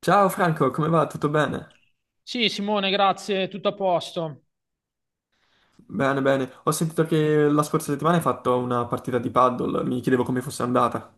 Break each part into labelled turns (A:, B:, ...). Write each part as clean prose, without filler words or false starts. A: Ciao Franco, come va? Tutto bene?
B: Sì, Simone, grazie, tutto a posto.
A: Bene, bene. Ho sentito che la scorsa settimana hai fatto una partita di paddle, mi chiedevo come fosse andata.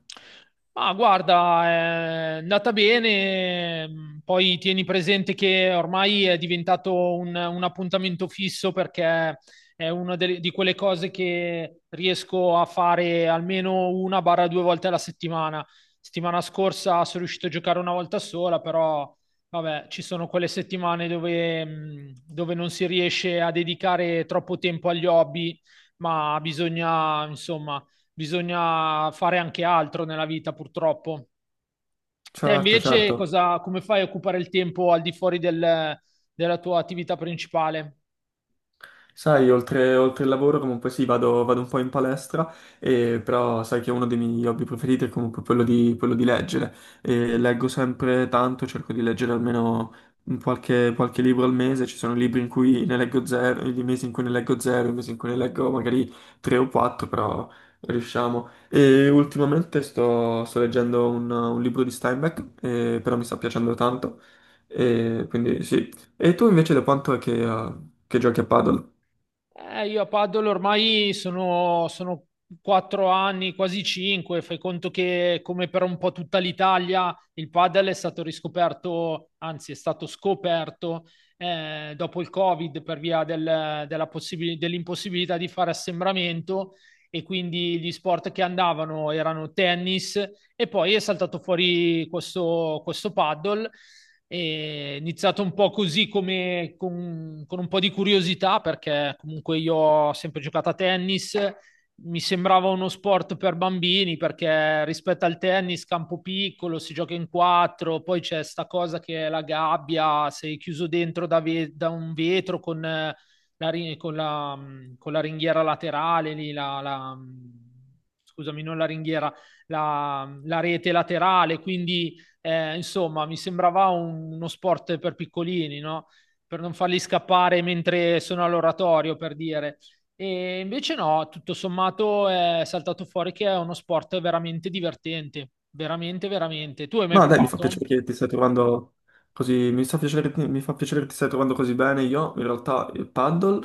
B: Ma guarda, è andata bene, poi tieni presente che ormai è diventato un appuntamento fisso perché è una di quelle cose che riesco a fare almeno una barra due volte alla settimana. Settimana scorsa sono riuscito a giocare una volta sola, però vabbè, ci sono quelle settimane dove non si riesce a dedicare troppo tempo agli hobby, ma bisogna, insomma bisogna fare anche altro nella vita, purtroppo. Te
A: Certo,
B: invece
A: certo.
B: cosa, come fai a occupare il tempo al di fuori della tua attività principale?
A: Sai, oltre il lavoro comunque sì, vado un po' in palestra, e, però sai che uno dei miei hobby preferiti è comunque quello di leggere. E leggo sempre tanto, cerco di leggere almeno un qualche libro al mese, ci sono libri in cui ne leggo zero, i mesi in cui ne leggo zero, i mesi in cui ne leggo magari tre o quattro, però riusciamo. E ultimamente sto leggendo un libro di Steinbeck, però mi sta piacendo tanto, e quindi sì. E tu invece da quanto è che giochi a paddle?
B: Io a Paddle ormai sono 4 anni, quasi 5. Fai conto che, come per un po' tutta l'Italia, il paddle è stato riscoperto, anzi, è stato scoperto dopo il Covid per via della dell'impossibilità di fare assembramento. E quindi gli sport che andavano erano tennis, e poi è saltato fuori questo paddle. È iniziato un po' così come con un po' di curiosità perché comunque io ho sempre giocato a tennis, mi sembrava uno sport per bambini perché rispetto al tennis campo piccolo, si gioca in quattro, poi c'è sta cosa che è la gabbia, sei chiuso dentro da un vetro con con con la ringhiera laterale, scusami, non la ringhiera, la rete laterale, quindi insomma, mi sembrava un- uno sport per piccolini, no? Per non farli scappare mentre sono all'oratorio, per dire. E invece no, tutto sommato è saltato fuori che è uno sport veramente divertente, veramente, veramente. Tu hai mai
A: Ma dai, mi fa
B: provato?
A: piacere che ti stai trovando così, mi fa piacere che ti stai trovando così bene. Io in realtà il paddle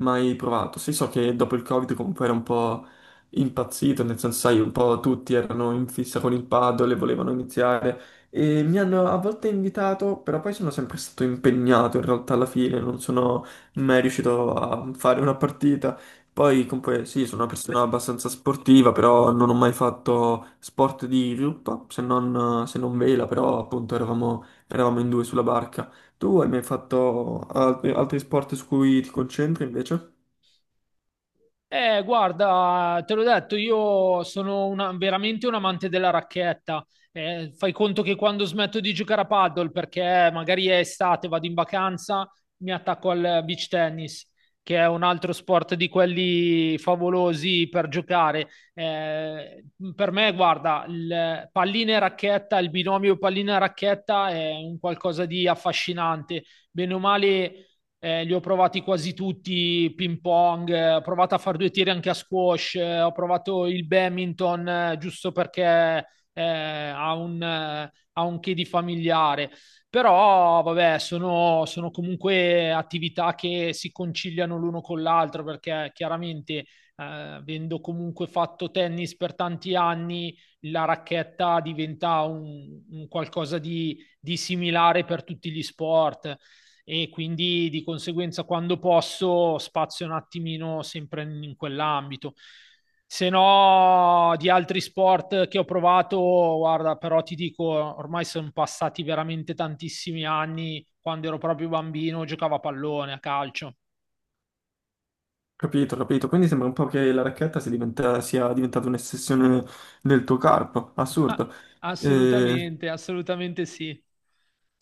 A: mai provato? Sì, so che dopo il Covid comunque era un po' impazzito, nel senso, sai, un po' tutti erano in fissa con il paddle e volevano iniziare e mi hanno a volte invitato, però poi sono sempre stato impegnato in realtà alla fine, non sono mai riuscito a fare una partita. Poi comunque sì, sono una persona abbastanza sportiva, però non ho mai fatto sport di gruppo, se non vela, però appunto eravamo in due sulla barca. Tu hai mai fatto altri, altri sport su cui ti concentri invece?
B: Guarda, te l'ho detto, io sono una- veramente un amante della racchetta. Fai conto che quando smetto di giocare a paddle, perché magari è estate, vado in vacanza, mi attacco al beach tennis, che è un altro sport di quelli favolosi per giocare. Eh, per me, guarda, il pallina e racchetta, il binomio pallina e racchetta è un qualcosa di affascinante. Bene o male li ho provati quasi tutti, ping pong, ho provato a fare due tiri anche a squash, ho provato il badminton giusto perché ha un che di familiare. Però, vabbè, sono comunque attività che si conciliano l'uno con l'altro perché chiaramente, avendo comunque fatto tennis per tanti anni, la racchetta diventa un qualcosa di similare per tutti gli sport e quindi di conseguenza quando posso spazio un attimino sempre in quell'ambito. Se no, di altri sport che ho provato, guarda, però ti dico, ormai sono passati veramente tantissimi anni. Quando ero proprio bambino, giocavo a pallone, a calcio.
A: Capito, capito. Quindi sembra un po' che la racchetta sia, sia diventata un'ossessione nel tuo corpo. Assurdo. Eh,
B: Assolutamente, assolutamente sì.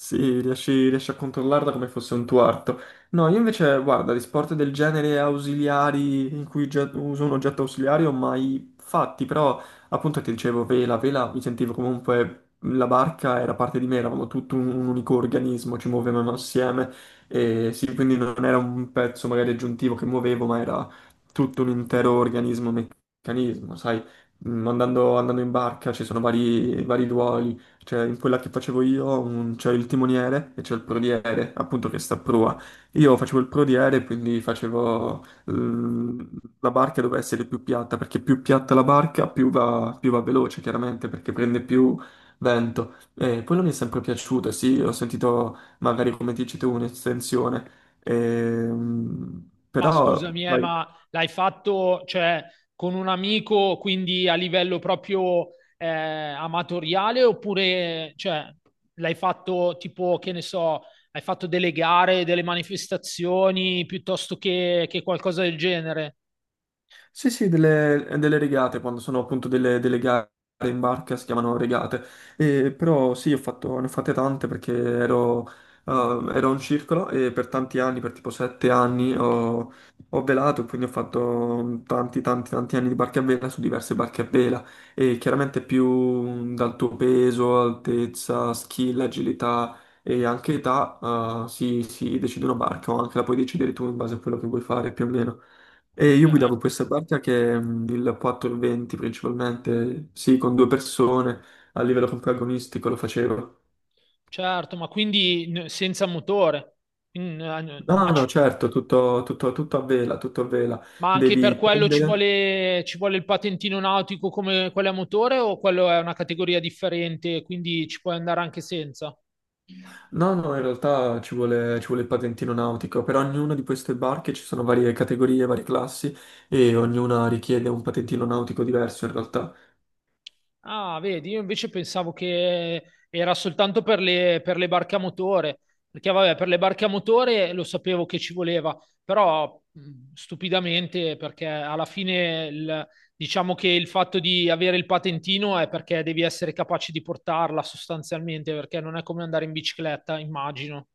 A: Sì, riesci a controllarla come fosse un tuo arto. No, io invece, guarda, di sport del genere ausiliari in cui uso un oggetto ausiliario mai fatti, però appunto ti dicevo vela, vela mi sentivo comunque la barca era parte di me, eravamo tutto un unico organismo, ci muovevamo assieme e sì, quindi non era un pezzo magari aggiuntivo che muovevo, ma era tutto un intero organismo, meccanismo, sai, mm, andando in barca ci sono vari ruoli cioè, in quella che facevo io c'è il timoniere e c'è il prodiere, appunto che sta a prua. Io facevo il prodiere, quindi facevo la barca doveva essere più piatta, perché più piatta la barca, più va veloce, chiaramente, perché prende più vento. E quello mi è sempre piaciuto, sì, ho sentito magari come dici tu un'estensione.
B: Ma
A: Però
B: scusami,
A: sai,
B: ma l'hai fatto, cioè, con un amico, quindi a livello proprio amatoriale, oppure, cioè, l'hai fatto tipo, che ne so, hai fatto delle gare, delle manifestazioni, piuttosto che qualcosa del genere?
A: sì, sì, delle, delle regate, quando sono appunto delle, delle gare in barca si chiamano regate. E, però sì, ho fatto, ne ho fatte tante perché ero, ero un circolo e per tanti anni, per tipo sette anni, ho, ho velato, quindi ho fatto tanti, tanti, tanti anni di barche a vela su diverse barche a vela. E chiaramente più dal tuo peso, altezza, skill, agilità e anche età, si, si decide una barca o anche la puoi decidere tu in base a quello che vuoi fare più o meno. E io guidavo
B: Certo,
A: questa parte che è mm, il 420 principalmente, sì, con due persone, a livello protagonistico lo facevo.
B: certo, ma quindi n- senza motore. Mm, eh, n- ma,
A: No, no,
B: ci-
A: certo, tutto a vela, tutto a vela.
B: ma anche per
A: Devi
B: quello
A: prendere...
B: ci vuole il patentino nautico come quello a motore o quello è una categoria differente, quindi ci puoi andare anche senza?
A: No, no, in realtà ci vuole il patentino nautico. Per ognuna di queste barche ci sono varie categorie, varie classi e ognuna richiede un patentino nautico diverso in realtà.
B: Ah, vedi, io invece pensavo che era soltanto per per le barche a motore, perché vabbè, per le barche a motore lo sapevo che ci voleva, però stupidamente, perché alla fine diciamo che il fatto di avere il patentino è perché devi essere capace di portarla sostanzialmente, perché non è come andare in bicicletta, immagino.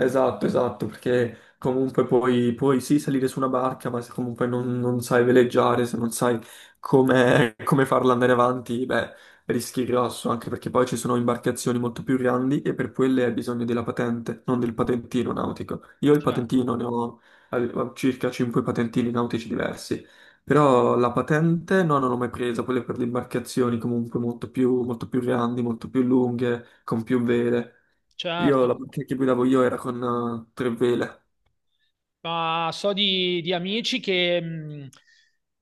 A: Esatto, esatto, perché comunque puoi, puoi sì salire su una barca, ma se comunque non, non sai veleggiare, se non sai come, come farla andare avanti, beh, rischi grosso, anche perché poi ci sono imbarcazioni molto più grandi e per quelle hai bisogno della patente, non del patentino nautico. Io il
B: Cioè,
A: patentino ne ho, avevo circa 5 patentini nautici diversi, però la patente no, non l'ho mai presa, quelle per le imbarcazioni comunque molto più grandi, molto più lunghe, con più vele. Io la
B: certo.
A: macchina che guidavo io era con tre vele.
B: Ma so di amici che mh,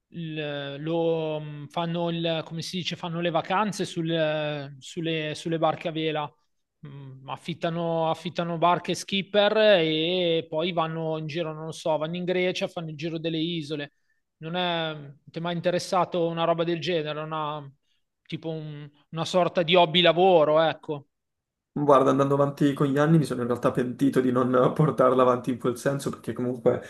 B: il- lo, mh, fanno il, come si dice, fanno le vacanze sulle barche a vela. Affittano barche skipper e poi vanno in giro, non lo so, vanno in Grecia, fanno il giro delle isole. Non è, ti è mai interessato una roba del genere? Una, tipo un- una sorta di hobby lavoro, ecco.
A: Guarda, andando avanti con gli anni mi sono in realtà pentito di non portarla avanti in quel senso, perché comunque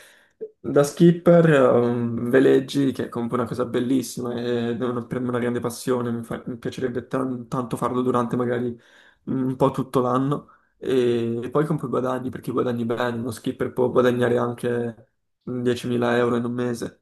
A: da skipper veleggi, che è comunque una cosa bellissima e è per me una grande passione, mi, mi piacerebbe tanto farlo durante magari un po' tutto l'anno e poi comunque guadagni, perché guadagni bene, uno skipper può guadagnare anche 10.000 euro in un mese.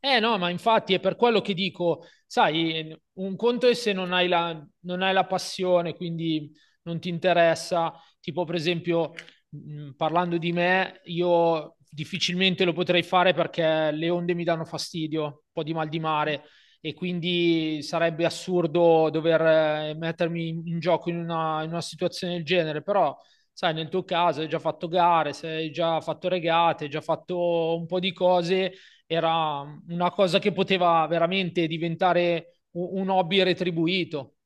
B: Eh no, ma infatti è per quello che dico, sai, un conto è se non hai non hai la passione, quindi non ti interessa, tipo per esempio, parlando di me, io difficilmente lo potrei fare perché le onde mi danno fastidio, un po' di mal di mare e quindi sarebbe assurdo dover mettermi in in gioco in una situazione del genere, però sai, nel tuo caso hai già fatto gare, sei già fatto regate, hai già fatto un po' di cose era una cosa che poteva veramente diventare u- un hobby retribuito.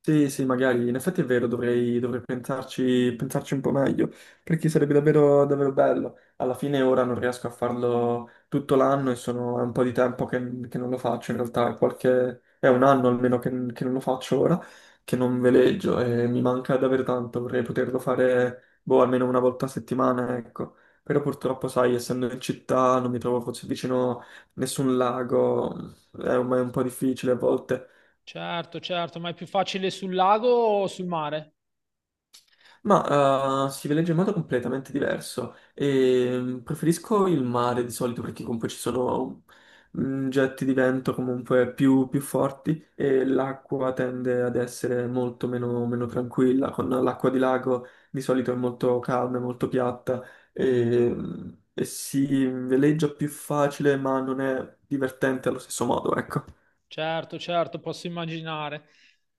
A: Sì, sì, magari, in effetti è vero, dovrei pensarci, pensarci un po' meglio, perché sarebbe davvero, davvero bello. Alla fine ora non riesco a farlo tutto l'anno e sono, è un po' di tempo che non lo faccio, in realtà è, qualche, è un anno almeno che non lo faccio ora, che non veleggio e mi manca davvero tanto, vorrei poterlo fare, boh, almeno una volta a settimana, ecco. Però purtroppo, sai, essendo in città non mi trovo forse vicino nessun lago, è un po' difficile a volte.
B: Certo, certo, ma è più facile sul lago o sul mare?
A: Ma si veleggia in modo completamente diverso. E, preferisco il mare di solito perché comunque ci sono mm, getti di vento comunque più, più forti e l'acqua tende ad essere molto meno, meno tranquilla. Con l'acqua di lago di solito è molto calma, è molto piatta e, mm, e si veleggia più facile ma non è divertente allo stesso modo, ecco.
B: Certo, certo, posso immaginare.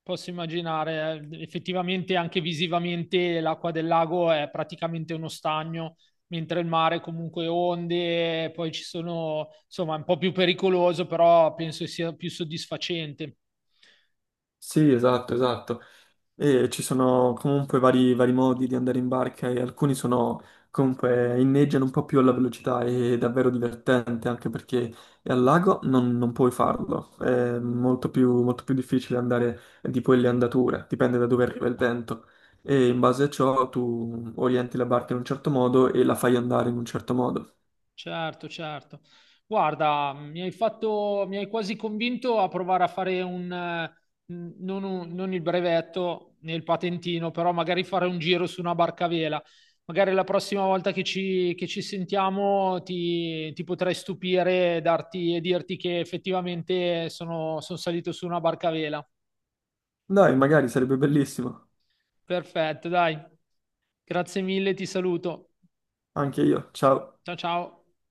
B: Posso immaginare, effettivamente anche visivamente l'acqua del lago è praticamente uno stagno, mentre il mare comunque onde, poi ci sono, insomma, è un po' più pericoloso, però penso sia più soddisfacente.
A: Sì, esatto, esatto. E ci sono comunque vari modi di andare in barca e alcuni sono comunque inneggiano un po' più alla velocità e è davvero divertente anche perché al lago non, non puoi farlo, è molto più difficile andare di quelle andature, dipende da dove arriva il vento e in base a ciò tu orienti la barca in un certo modo e la fai andare in un certo modo.
B: Certo, certo. Guarda, mi hai fatto, mi hai quasi convinto a provare a fare un, non, un- non il brevetto né il patentino, però magari fare un giro su una barca a vela. Magari la prossima volta che ci sentiamo ti potrei stupire e darti, e dirti che effettivamente sono salito su una barca a vela.
A: Dai, magari sarebbe bellissimo,
B: Perfetto, dai. Grazie mille, ti saluto.
A: anche io, ciao.
B: Ciao, ciao.